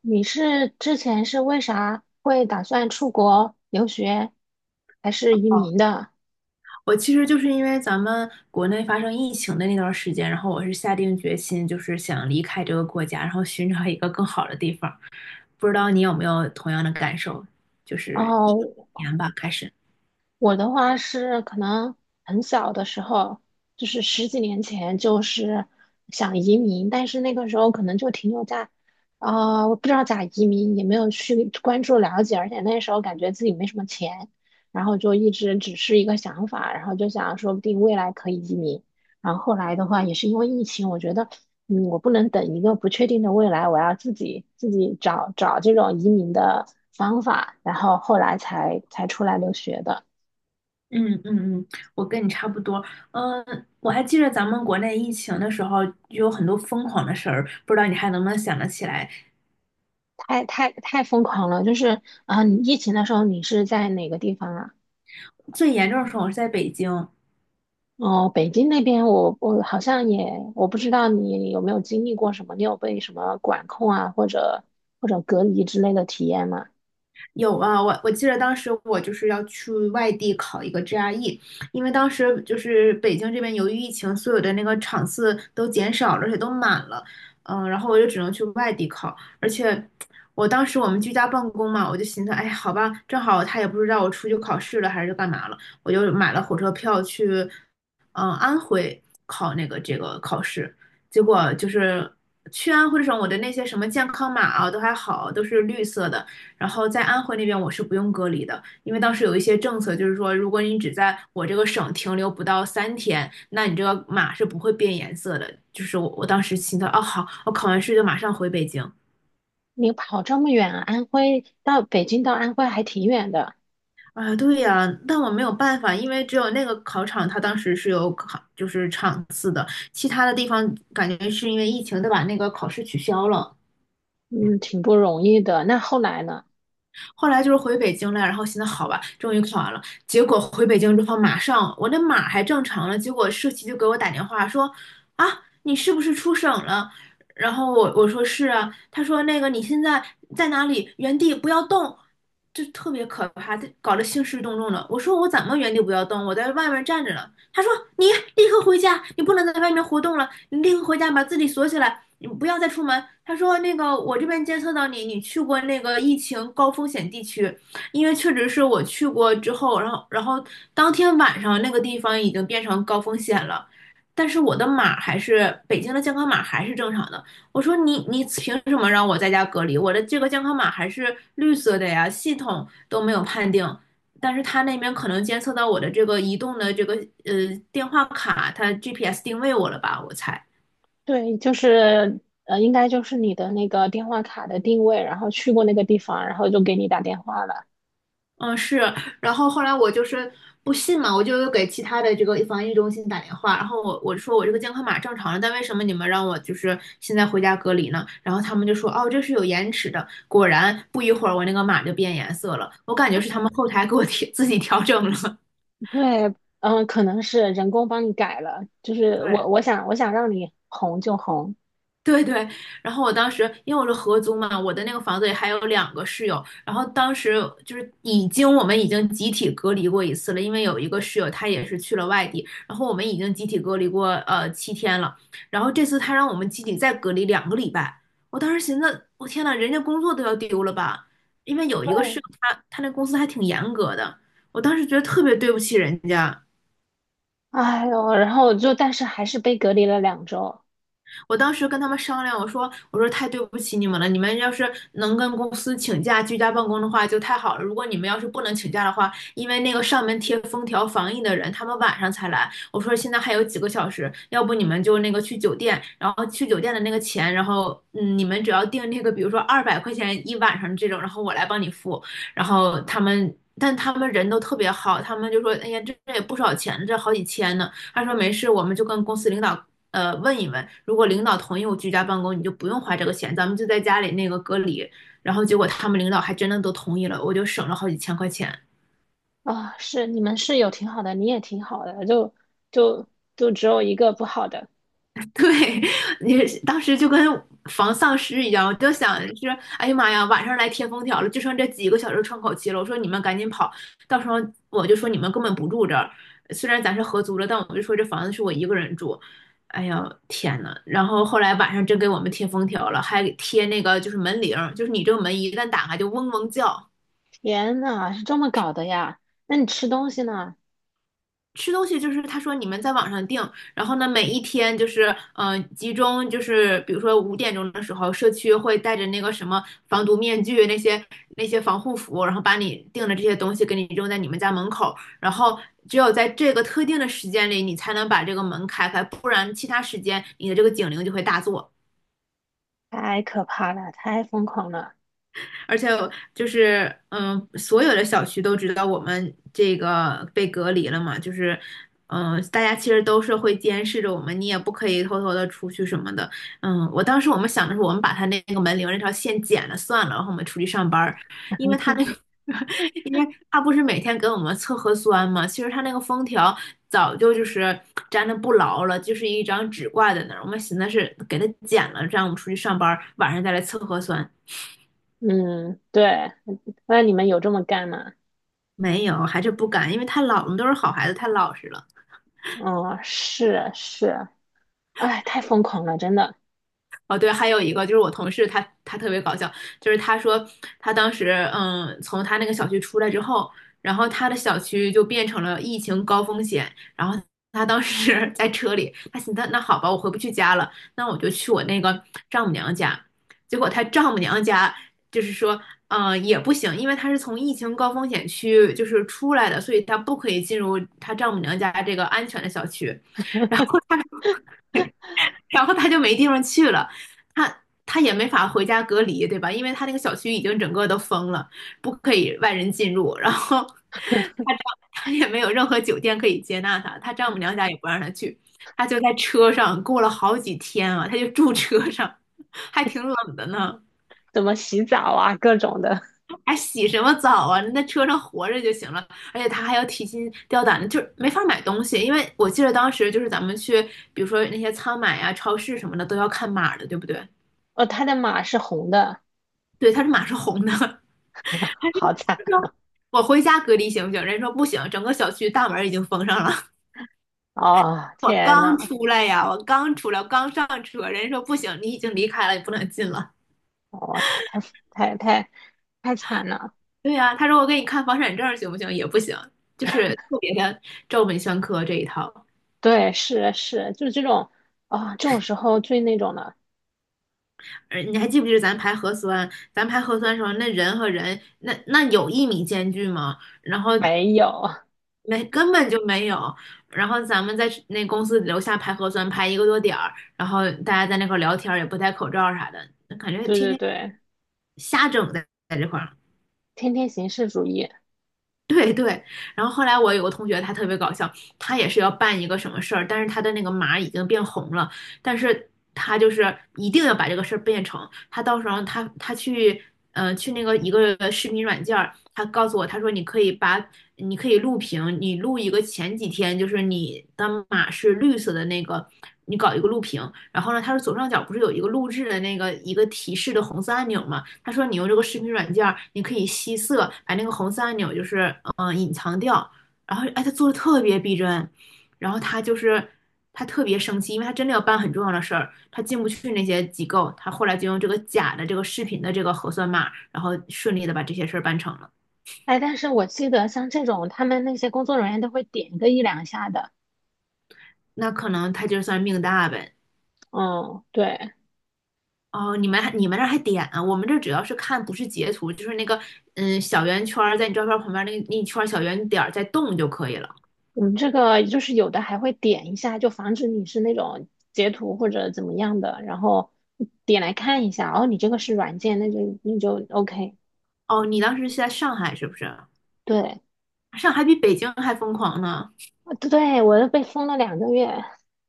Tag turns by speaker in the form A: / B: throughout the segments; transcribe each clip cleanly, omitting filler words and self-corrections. A: 你是之前是为啥会打算出国留学，还是移民的？
B: 我其实就是因为咱们国内发生疫情的那段时间，然后我是下定决心，就是想离开这个国家，然后寻找一个更好的地方。不知道你有没有同样的感受？就
A: 然
B: 是一九
A: 后
B: 年吧，开始。
A: 我的话是可能很小的时候，就是十几年前，就是想移民，但是那个时候可能就停留在，啊、我不知道咋移民，也没有去关注了解，而且那时候感觉自己没什么钱，然后就一直只是一个想法，然后就想说不定未来可以移民。然后后来的话，也是因为疫情，我觉得，嗯，我不能等一个不确定的未来，我要自己找找这种移民的方法，然后后来才出来留学的。
B: 嗯嗯嗯，我跟你差不多。嗯，我还记得咱们国内疫情的时候，有很多疯狂的事儿，不知道你还能不能想得起来？
A: 太太太疯狂了，就是啊，你疫情的时候你是在哪个地方啊？
B: 最严重的时候我是在北京，
A: 哦，北京那边我好像也我不知道你有没有经历过什么，你有被什么管控啊，或者或者隔离之类的体验吗？
B: 有啊，我记得当时我就是要去外地考一个 GRE，因为当时就是北京这边由于疫情，所有的那个场次都减少了，而且都满了，嗯，然后我就只能去外地考，而且我当时我们居家办公嘛，我就寻思，哎，好吧，正好他也不知道我出去考试了还是干嘛了，我就买了火车票去，嗯，安徽考那个这个考试，结果就是去安徽省，我的那些什么健康码啊都还好，都是绿色的。然后在安徽那边我是不用隔离的，因为当时有一些政策，就是说如果你只在我这个省停留不到3天，那你这个码是不会变颜色的。就是我当时心想，啊，好，我考完试就马上回北京。
A: 你跑这么远啊，安徽到北京到安徽还挺远的，
B: 啊，对呀，但我没有办法，因为只有那个考场，它当时是有考，就是场次的，其他的地方感觉是因为疫情，都把那个考试取消了。
A: 嗯，挺不容易的。那后来呢？
B: 后来就是回北京了，然后现在好吧，终于考完了。结果回北京之后，马上我那码还正常了，结果社企就给我打电话说，啊，你是不是出省了？然后我说是啊，他说那个你现在在哪里？原地不要动，就特别可怕，这搞得兴师动众的。我说我怎么原地不要动？我在外面站着呢。他说你立刻回家，你不能在外面活动了，你立刻回家把自己锁起来，你不要再出门。他说那个我这边监测到你，你去过那个疫情高风险地区，因为确实是我去过之后，然后当天晚上那个地方已经变成高风险了。但是我的码还是北京的健康码还是正常的。我说你凭什么让我在家隔离？我的这个健康码还是绿色的呀，系统都没有判定。但是他那边可能监测到我的这个移动的这个呃电话卡，他 GPS 定位我了吧？我猜。
A: 对，就是应该就是你的那个电话卡的定位，然后去过那个地方，然后就给你打电话了。
B: 嗯，是，然后后来我就是不信嘛，我就又给其他的这个防疫中心打电话，然后我说我这个健康码正常了，但为什么你们让我就是现在回家隔离呢？然后他们就说哦，这是有延迟的。果然不一会儿我那个码就变颜色了，我感觉是他们后台给我 自己调整了。
A: 对，嗯，可能是人工帮你改了，就 是
B: 对，
A: 我想让你红就红，
B: 对对，然后我当时因为我是合租嘛，我的那个房子里还有两个室友，然后当时就是我们已经集体隔离过一次了，因为有一个室友他也是去了外地，然后我们已经集体隔离过7天了，然后这次他让我们集体再隔离2个礼拜，我当时寻思，我天呐，人家工作都要丢了吧？因为有一个
A: 对，
B: 室友他那公司还挺严格的，我当时觉得特别对不起人家。
A: 哎呦，然后就但是还是被隔离了2周
B: 我当时跟他们商量，我说太对不起你们了，你们要是能跟公司请假居家办公的话就太好了。如果你们要是不能请假的话，因为那个上门贴封条防疫的人，他们晚上才来。我说现在还有几个小时，要不你们就那个去酒店，然后去酒店的那个钱，然后你们只要订那个，比如说200块钱1晚上这种，然后我来帮你付。然后他们。但他们人都特别好，他们就说：“哎呀，这也不少钱，这好几千呢。”他说：“没事，我们就跟公司领导问一问，如果领导同意我居家办公，你就不用花这个钱，咱们就在家里那个隔离。然后结果他们领导还真的都同意了，我就省了好几千块钱。
A: 啊，是你们室友挺好的，你也挺好的，就就只有一个不好的，
B: 对，你当时就跟防丧尸一样，我就想是，哎呀妈呀，晚上来贴封条了，就剩这几个小时窗口期了。我说你们赶紧跑，到时候我就说你们根本不住这儿，虽然咱是合租了，但我就说这房子是我一个人住。哎呀，天呐，然后后来晚上真给我们贴封条了，还给贴那个就是门铃儿就是你这个门一旦打开就嗡嗡叫。
A: 天呐，是这么搞的呀？那你吃东西呢？
B: 吃东西就是他说你们在网上订，然后呢，每一天就是集中就是比如说5点钟的时候，社区会带着那个什么防毒面具那些那些防护服，然后把你订的这些东西给你扔在你们家门口，然后只有在这个特定的时间里，你才能把这个门开开，不然其他时间你的这个警铃就会大作。
A: 太可怕了，太疯狂了，
B: 而且就是嗯，所有的小区都知道我们这个被隔离了嘛，就是嗯，大家其实都是会监视着我们，你也不可以偷偷的出去什么的。嗯，我当时我们想的是，我们把他那个门铃那条线剪了算了，然后我们出去上班儿，因为他那个。因为他不是每天给我们测核酸嘛，其实他那个封条早就就是粘的不牢了，就是一张纸挂在那儿。我们寻思是给他剪了，这样我们出去上班晚上再来测核酸。
A: 嗯，对，那你们有这么干吗？
B: 没有，还是不敢，因为太老，我们都是好孩子，太老实了。
A: 嗯，是是，哎，太疯狂了，真的，
B: 哦，对，还有一个就是我同事他，他特别搞笑，就是他说他当时嗯，从他那个小区出来之后，然后他的小区就变成了疫情高风险，然后他当时 在车里，他寻思那好吧，我回不去家了，那我就去我那个丈母娘家，结果他丈母娘家就是说。嗯，也不行，因为他是从疫情高风险区就是出来的，所以他不可以进入他丈母娘家这个安全的小区。然后他就没地方去了，他也没法回家隔离，对吧？因为他那个小区已经整个都封了，不可以外人进入。然后他丈他也没有任何酒店可以接纳他，他丈母娘家也不让他去，他就在车上过了好几天啊，他就住车上，还挺冷的呢，
A: 怎么洗澡啊，各种的。
B: 还洗什么澡啊？那车上活着就行了。而且他还要提心吊胆的，就是没法买东西，因为我记得当时就是咱们去，比如说那些仓买啊、超市什么的都要看码的，对不对？
A: 哦，他的马是红的，
B: 对，他是马是红的，他是
A: 好惨
B: 说
A: 啊
B: 我回家隔离行不行？人说不行，整个小区大门已经封上了。
A: 哦！
B: 我
A: 天
B: 刚
A: 呐，
B: 出来呀，我刚出来，我刚上车，人家说不行，你已经离开了，你不能进了。
A: 哦哇、太太太惨了。
B: 对呀，他说我给你看房产证行不行？也不行，就是特别的照本宣科这一套。
A: 对，是是，就这种啊、这种时候最那种的
B: 你还记不记得咱排核酸？咱排核酸的时候，那人和人，那有1米间距吗？然后
A: 没有。
B: 没，根本就没有。然后咱们在那公司楼下排核酸，排一个多点儿，然后大家在那块儿聊天儿也不戴口罩啥的，感觉
A: 对
B: 天
A: 对
B: 天
A: 对，
B: 瞎整在这块儿。
A: 天天形式主义。
B: 对对，然后后来我有个同学，他特别搞笑，他也是要办一个什么事儿，但是他的那个码已经变红了，但是他就是一定要把这个事儿变成，他到时候他去，呃，去那个一个视频软件儿，他告诉我，他说你可以录屏，你录一个前几天就是你的码是绿色的那个，你搞一个录屏，然后呢，它是左上角不是有一个录制的那个一个提示的红色按钮吗？他说你用这个视频软件儿你可以吸色，把那个红色按钮就是隐藏掉，然后哎，他做的特别逼真，然后他就是他特别生气，因为他真的要办很重要的事儿，他进不去那些机构，他后来就用这个假的这个视频的这个核酸码，然后顺利的把这些事儿办成了。
A: 哎，但是我记得像这种，他们那些工作人员都会点个一两下的。
B: 那可能他就算命大呗。
A: 嗯，对。
B: 哦，你们那儿还点啊？我们这儿主要是看不是截图，就是那个嗯小圆圈儿在你照片旁边那一圈儿小圆点儿在动就可以了。
A: 我们这个就是有的还会点一下，就防止你是那种截图或者怎么样的，然后点来看一下，哦，你这个是软件，那就 OK。
B: 哦，你当时是在上海是不是？
A: 对，
B: 上海比北京还疯狂呢！
A: 我都被封了2个月，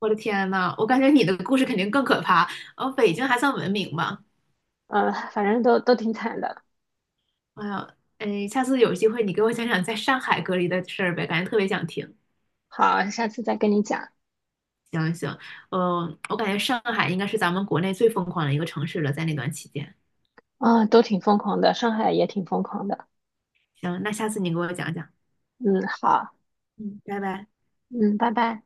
B: 我的天呐，我感觉你的故事肯定更可怕。哦，北京还算文明吧？
A: 反正都挺惨的。
B: 哎呀，哎，下次有机会你给我讲讲在上海隔离的事儿呗，感觉特别想听。
A: 好，下次再跟你讲。
B: 行行，我感觉上海应该是咱们国内最疯狂的一个城市了，在那段期间。
A: 啊、都挺疯狂的，上海也挺疯狂的。
B: 行，那下次你给我讲讲。
A: 嗯，好，
B: 嗯，拜拜。
A: 嗯，拜拜。